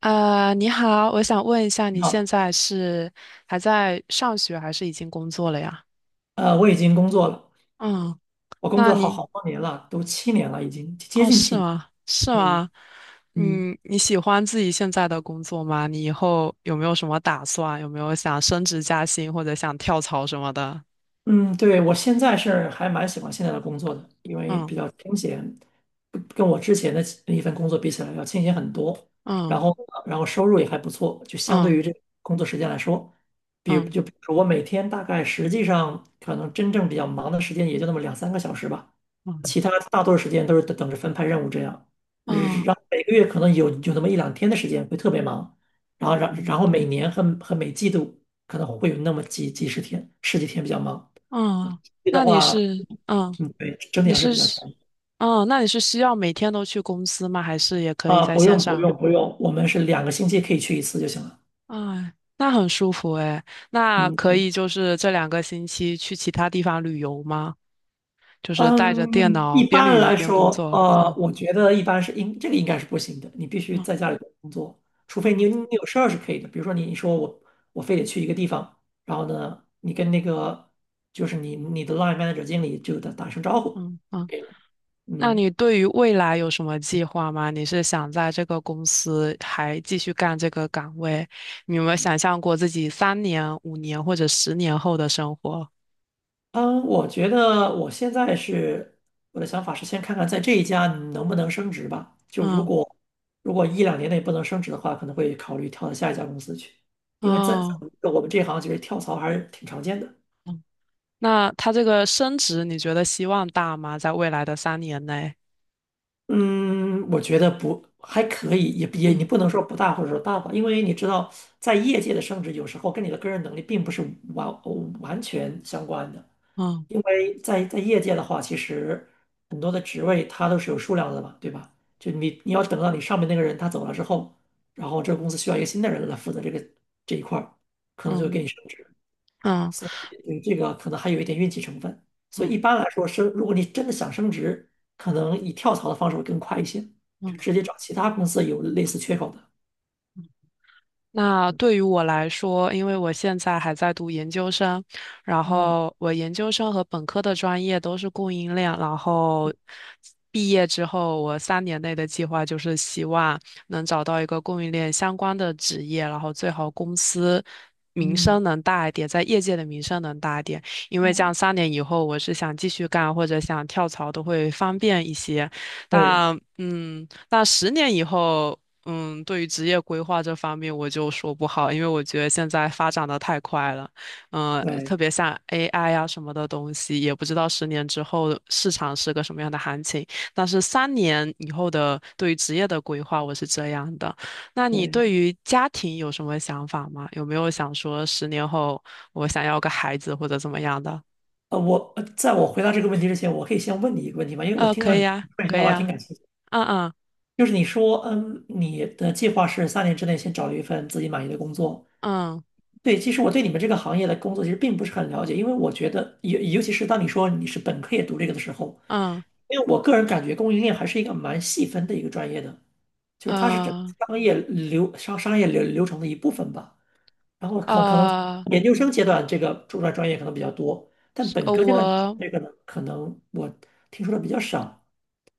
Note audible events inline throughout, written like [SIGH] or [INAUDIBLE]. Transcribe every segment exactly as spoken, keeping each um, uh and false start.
呃，你好，我想问一下，你你现好，在是还在上学还是已经工作了呀？呃，我已经工作了，嗯，我工那作好你，好多年了，都七年了，已经接哦，近是七年。吗？是嗯吗？嗯。嗯，你喜欢自己现在的工作吗？你以后有没有什么打算？有没有想升职加薪或者想跳槽什么的？嗯，对，我现在是还蛮喜欢现在的工作的，因为嗯，比较清闲，不跟我之前的一份工作比起来要清闲很多。嗯，然后，然后收入也还不错，就相对嗯，于这工作时间来说，比如嗯，就比如说我每天大概实际上可能真正比较忙的时间也就那么两三个小时吧，嗯，其他大多数时间都是等等着分派任务这样。嗯，然后每个月可能有有那么一两天的时间会特别忙，然后然然后每年和和每季度可能会有那么几几十天十几天比较忙。嗯，你的那你话，是嗯嗯，对，整体你上是是比较强嗯，那你是需要每天都去公司吗？还是也可以啊。在不线用不上？用不用，我们是两个星期可以去一次就行了。哎，那很舒服诶。那嗯可以就是这两个星期去其他地方旅游吗？就是带着电嗯，脑一边旅般游来边工说，作呃，啊。我觉得一般是应这个应该是不行的，你必须在嗯，家里工作，除非你嗯，有你有事儿是可以的。比如说你说我我非得去一个地方，然后呢，你跟那个就是你你的 line manager 经理就打打声招呼，嗯，嗯。可以了。那嗯。你对于未来有什么计划吗？你是想在这个公司还继续干这个岗位？你有没有嗯想象过自己三年、五年或者十年后的生活？嗯，我觉得我现在是我的想法是先看看在这一家能不能升职吧。就如嗯，果如果一两年内不能升职的话，可能会考虑跳到下一家公司去，因为在在哦，我们这行其实跳槽还是挺常见的。那他这个升职，你觉得希望大吗？在未来的三年内？嗯，我觉得不还可以，也也你嗯，不能说不大或者说大吧，因为你知道在业界的升职有时候跟你的个人能力并不是完完全相关的。嗯，因为在在业界的话，其实很多的职位它都是有数量的嘛，对吧？就你你要等到你上面那个人他走了之后，然后这个公司需要一个新的人来负责这个这一块儿，可能就会嗯，给你升职。嗯。所以对这个可能还有一点运气成分。所以嗯，一般来说升，如果你真的想升职，可能以跳槽的方式会更快一些，就嗯，直接找其他公司有类似缺口的。那对于我来说，因为我现在还在读研究生，然哦，后我研究生和本科的专业都是供应链，然后毕业之后，我三年内的计划就是希望能找到一个供应链相关的职业，然后最好公司名嗯，声能大一点，在业界的名声能大一点，因为这样哦，三年以后，我是想继续干或者想跳槽都会方便一些。对那嗯，那十年以后。嗯，对于职业规划这方面，我就说不好，因为我觉得现在发展的太快了，嗯、特对别像 A I 啊什么的东西，也不知道十年之后市场是个什么样的行情。但是三年以后的对于职业的规划，我是这样的。那你对对。于家庭有什么想法吗？有没有想说十年后我想要个孩子或者怎么样的？呃，我呃在我回答这个问题之前，我可以先问你一个问题吗？因为我呃，听可到你以啊，说一句可话，以我还挺啊。感兴趣的嗯，嗯，就是你说，嗯，你的计划是三年之内先找一份自己满意的工作。嗯，对，其实我对你们这个行业的工作其实并不是很了解，因为我觉得，尤尤其是当你说你是本科也读这个的时候，嗯，因为我个人感觉供应链还是一个蛮细分的一个专业的，就是它是整个嗯，商业流商商业流流程的一部分吧。然后呃可可能呃研究生阶段这个主专专业可能比较多，但呃，本科阶段选我。这个呢，可能我听说的比较少。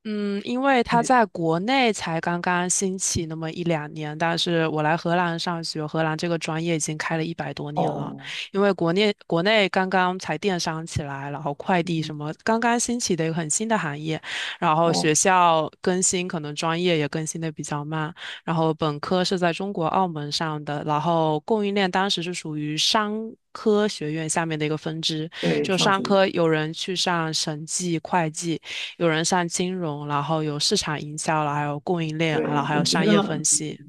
嗯，因为它对，在国内才刚刚兴起那么一两年，但是我来荷兰上学，荷兰这个专业已经开了一百多年了。哦因为国内国内刚刚才电商起来，然后快递嗯什么刚刚兴起的一个很新的行业，然后学哦，校更新可能专业也更新的比较慢，然后本科是在中国澳门上的，然后供应链当时是属于商。科学院下面的一个分支，对，就上商学，科有人去上审计、会计，有人上金融，然后有市场营销，然后还有供应链，然后对，还有我觉商业分得。析。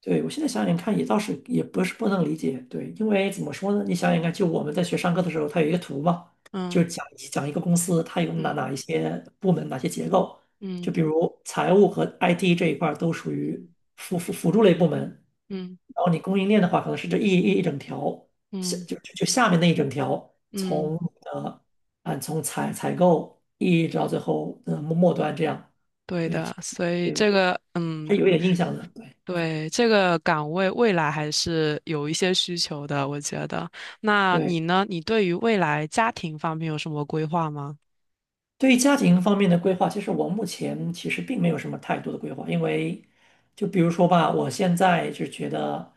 对，我现在想想看，也倒是也不是不能理解，对，因为怎么说呢？你想想看，就我们在学上课的时候，它有一个图嘛，就嗯，是讲讲一个公司它有哪嗯，哪一些部门、哪些结构，就嗯，比如财务和 I T 这一块儿都属嗯，于辅辅辅助类部门，嗯，然后你供应链的话，可能是这一一一整条，下嗯，就就就下面那一整条，嗯，从呃啊从采采购一直到最后呃末末端这样，对对，其的。实所以对，这个，还嗯，有一点印象的，对。对，这个岗位未来还是有一些需求的，我觉得。那你对。呢？你对于未来家庭方面有什么规划吗？对于家庭方面的规划，其实我目前其实并没有什么太多的规划，因为就比如说吧，我现在就觉得，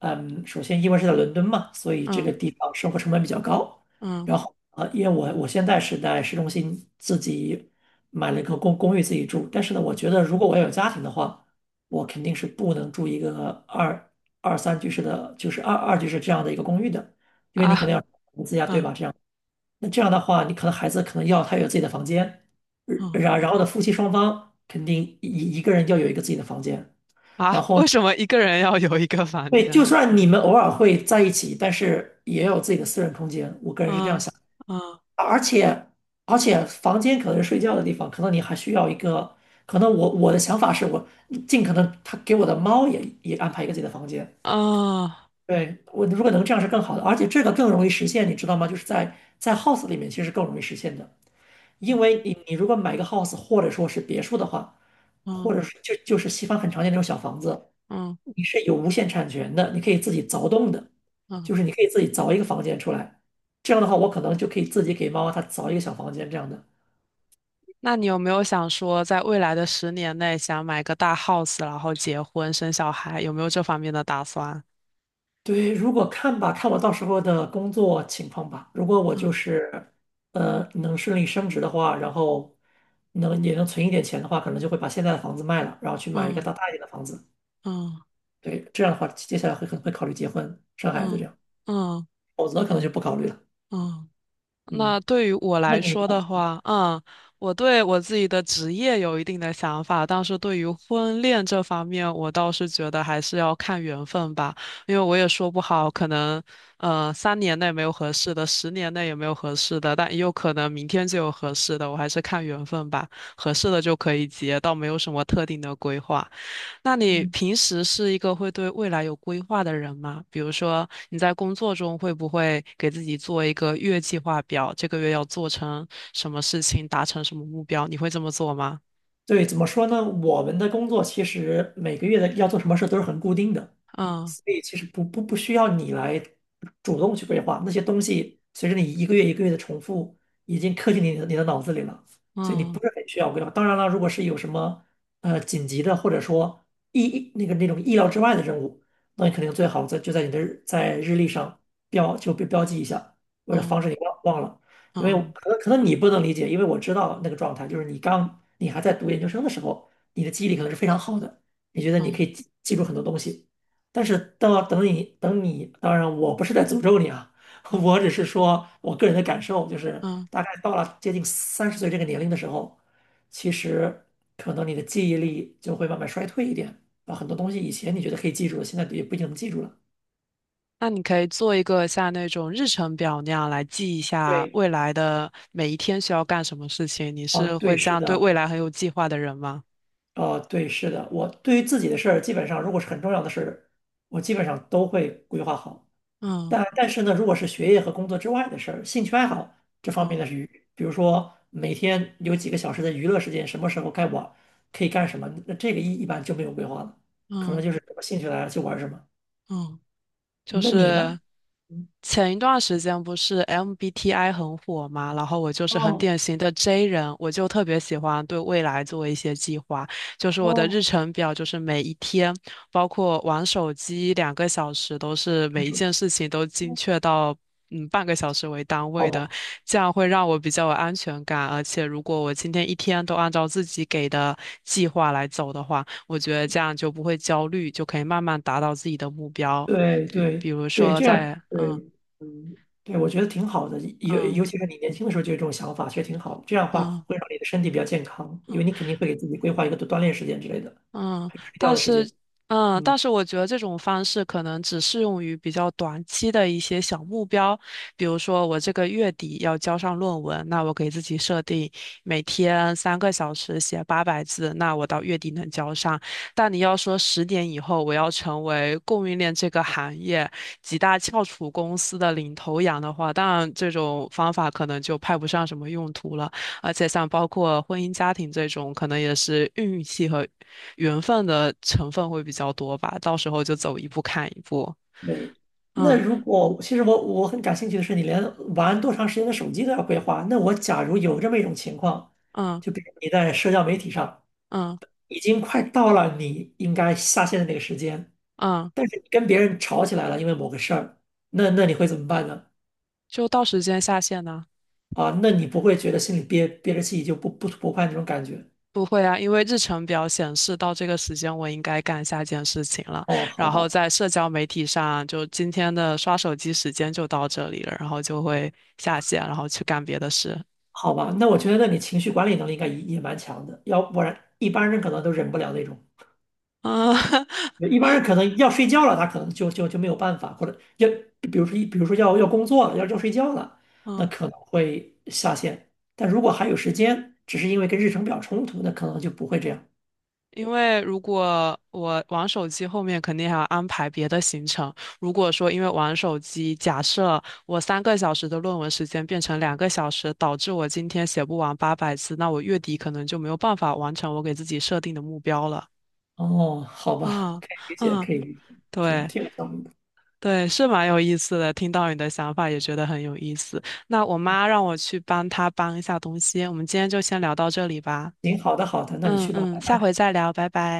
嗯，首先因为是在伦敦嘛，所以这个嗯，地方生活成本比较高，嗯，然后呃，因为我我现在是在市中心自己买了一个公公寓自己住，但是呢，我觉得如果我要有家庭的话，我肯定是不能住一个二二三居室的，就是二二居室这样的一个公寓的，因为你可啊，能要投资呀，对嗯，吧？这样。那这样的话，你可能孩子可能要他有自己的房间，嗯，然然后呢，夫妻双方肯定一一个人要有一个自己的房间，啊，然后为什么一个人要有一个房对，就间？算你们偶尔会在一起，但是也要有自己的私人空间。我个人是这样嗯，想，嗯，而且而且房间可能是睡觉的地方，可能你还需要一个，可能我我的想法是我尽可能他给我的猫也也安排一个自己的房间。哦，对，我如果能这样是更好的，而且这个更容易实现，你知道吗？就是在在 house 里面其实更容易实现的。因嗯，为你你如果买一个 house 或者说是别墅的话，嗯。或者是就就是西方很常见那种小房子，嗯，你是有无限产权的，你可以自己凿洞的，嗯，就是你可以自己凿一个房间出来。这样的话，我可能就可以自己给猫猫它凿一个小房间这样的。那你有没有想说，在未来的十年内想买个大 house，然后结婚生小孩，有没有这方面的打算？对，如果看吧，看我到时候的工作情况吧。如果我就嗯，是呃能顺利升职的话，然后能也能存一点钱的话，可能就会把现在的房子卖了，然后去买一个嗯，大大一点的房子。嗯，对，这样的话，接下来会可能会考虑结婚、生孩子这嗯，样，嗯，否则可能就不考虑了。嗯，嗯。嗯，那对于我那来你说的呢？话，嗯，我对我自己的职业有一定的想法，但是对于婚恋这方面，我倒是觉得还是要看缘分吧，因为我也说不好，可能呃三年内没有合适的，十年内也没有合适的，但也有可能明天就有合适的，我还是看缘分吧，合适的就可以结，倒没有什么特定的规划。那你嗯，平时是一个会对未来有规划的人吗？比如说你在工作中会不会给自己做一个月计划表，这个月要做成什么事情，达成什么目标？你会这么做吗？对，怎么说呢？我们的工作其实每个月的要做什么事都是很固定的，嗯，所以其实不不不需要你来主动去规划那些东西，随着你一个月一个月的重复，已经刻进你的你的脑子里了，所以你不嗯，是很需要规划。当然了，如果是有什么呃紧急的，或者说意那个那种意料之外的任务，那你肯定最好在就在你的日在日历上标就标标记一下，为了防嗯，止你忘忘了。因为嗯，可能可能你不能理解，因为我知道那个状态，就是你刚你还在读研究生的时候，你的记忆力可能是非常好的，你觉得你嗯，可以记记住很多东西。但是到等你等你，当然我不是在诅咒你啊，[LAUGHS] 嗯，我只是说我个人的感受，就是嗯。大概到了接近三十岁这个年龄的时候，其实可能你的记忆力就会慢慢衰退一点，啊，很多东西以前你觉得可以记住的，现在也不一定能记住了。那你可以做一个像那种日程表那样来记一下对，未来的每一天需要干什么事情。你啊，是会对，这是样对的，未来很有计划的人吗？啊，对，是的，我对于自己的事儿，基本上如果是很重要的事儿，我基本上都会规划好。嗯，但但是呢，如果是学业和工作之外的事儿，兴趣爱好这方面的嗯，是娱，比如说每天有几个小时的娱乐时间，什么时候该玩，可以干什么，那这个一一般就没有规划了，可能嗯，就是什么兴趣来了就玩什么。嗯，就那你呢？是嗯前一段时间不是 M B T I 很火嘛，然后我就是很哦典型的 J 人，我就特别喜欢对未来做一些计划，就是我的日哦，程表，就是每一天，包括玩手机两个小时，都是还每一手件机，事情都精确到。嗯，半个小时为单好位吧，的，这样会让我比较有安全感。而且，如果我今天一天都按照自己给的计划来走的话，我觉得这样就不会焦虑，就可以慢慢达到自己的目标。对比比对如对，说这样在对，嗯嗯，对，我觉得挺好的，尤嗯尤其是你年轻的时候就有这种想法，其实挺好，这样的话嗯会让你的身体比较健康，因为你肯定会给自己规划一个锻炼时间之类的，嗯，还有睡觉但的时是，间。嗯，嗯。但是我觉得这种方式可能只适用于比较短期的一些小目标，比如说我这个月底要交上论文，那我给自己设定每天三个小时写八百字，那我到月底能交上。但你要说十年以后我要成为供应链这个行业几大翘楚公司的领头羊的话，当然这种方法可能就派不上什么用途了。而且像包括婚姻家庭这种，可能也是运气和缘分的成分会比较多吧，到时候就走一步看一步。对，那嗯，如果其实我我很感兴趣的是，你连玩多长时间的手机都要规划。那我假如有这么一种情况，嗯，就比如你在社交媒体上嗯，已经快到了你应该下线的那个时间，嗯，但是你跟别人吵起来了，因为某个事儿，那那你会怎么办呢？就到时间下线呢？啊，那你不会觉得心里憋憋着气就不不不快那种感觉？不会啊，因为日程表显示到这个时间我应该干下件事情了，哦，好然后吧，在社交媒体上就今天的刷手机时间就到这里了，然后就会下线，然后去干别的事。好吧，那我觉得那你情绪管理能力应该也也蛮强的，要不然一般人可能都忍不了那种。嗯 [LAUGHS] 一般人可能要睡觉了，他可能就就就没有办法，或者要比如说一比如说要要工作了，要要睡觉了，那嗯。可能会下线。但如果还有时间，只是因为跟日程表冲突，那可能就不会这样。因为如果我玩手机，后面肯定还要安排别的行程。如果说因为玩手机，假设我三个小时的论文时间变成两个小时，导致我今天写不完八百字，那我月底可能就没有办法完成我给自己设定的目标了。哦，好吧，嗯，可以理解，嗯，可以理解，挺对，挺有道理的。对，是蛮有意思的。听到你的想法也觉得很有意思。那我妈让我去帮她搬一下东西，我们今天就先聊到这里吧。行，好的好的，那你嗯，去吧。嗯，下回再聊，拜拜。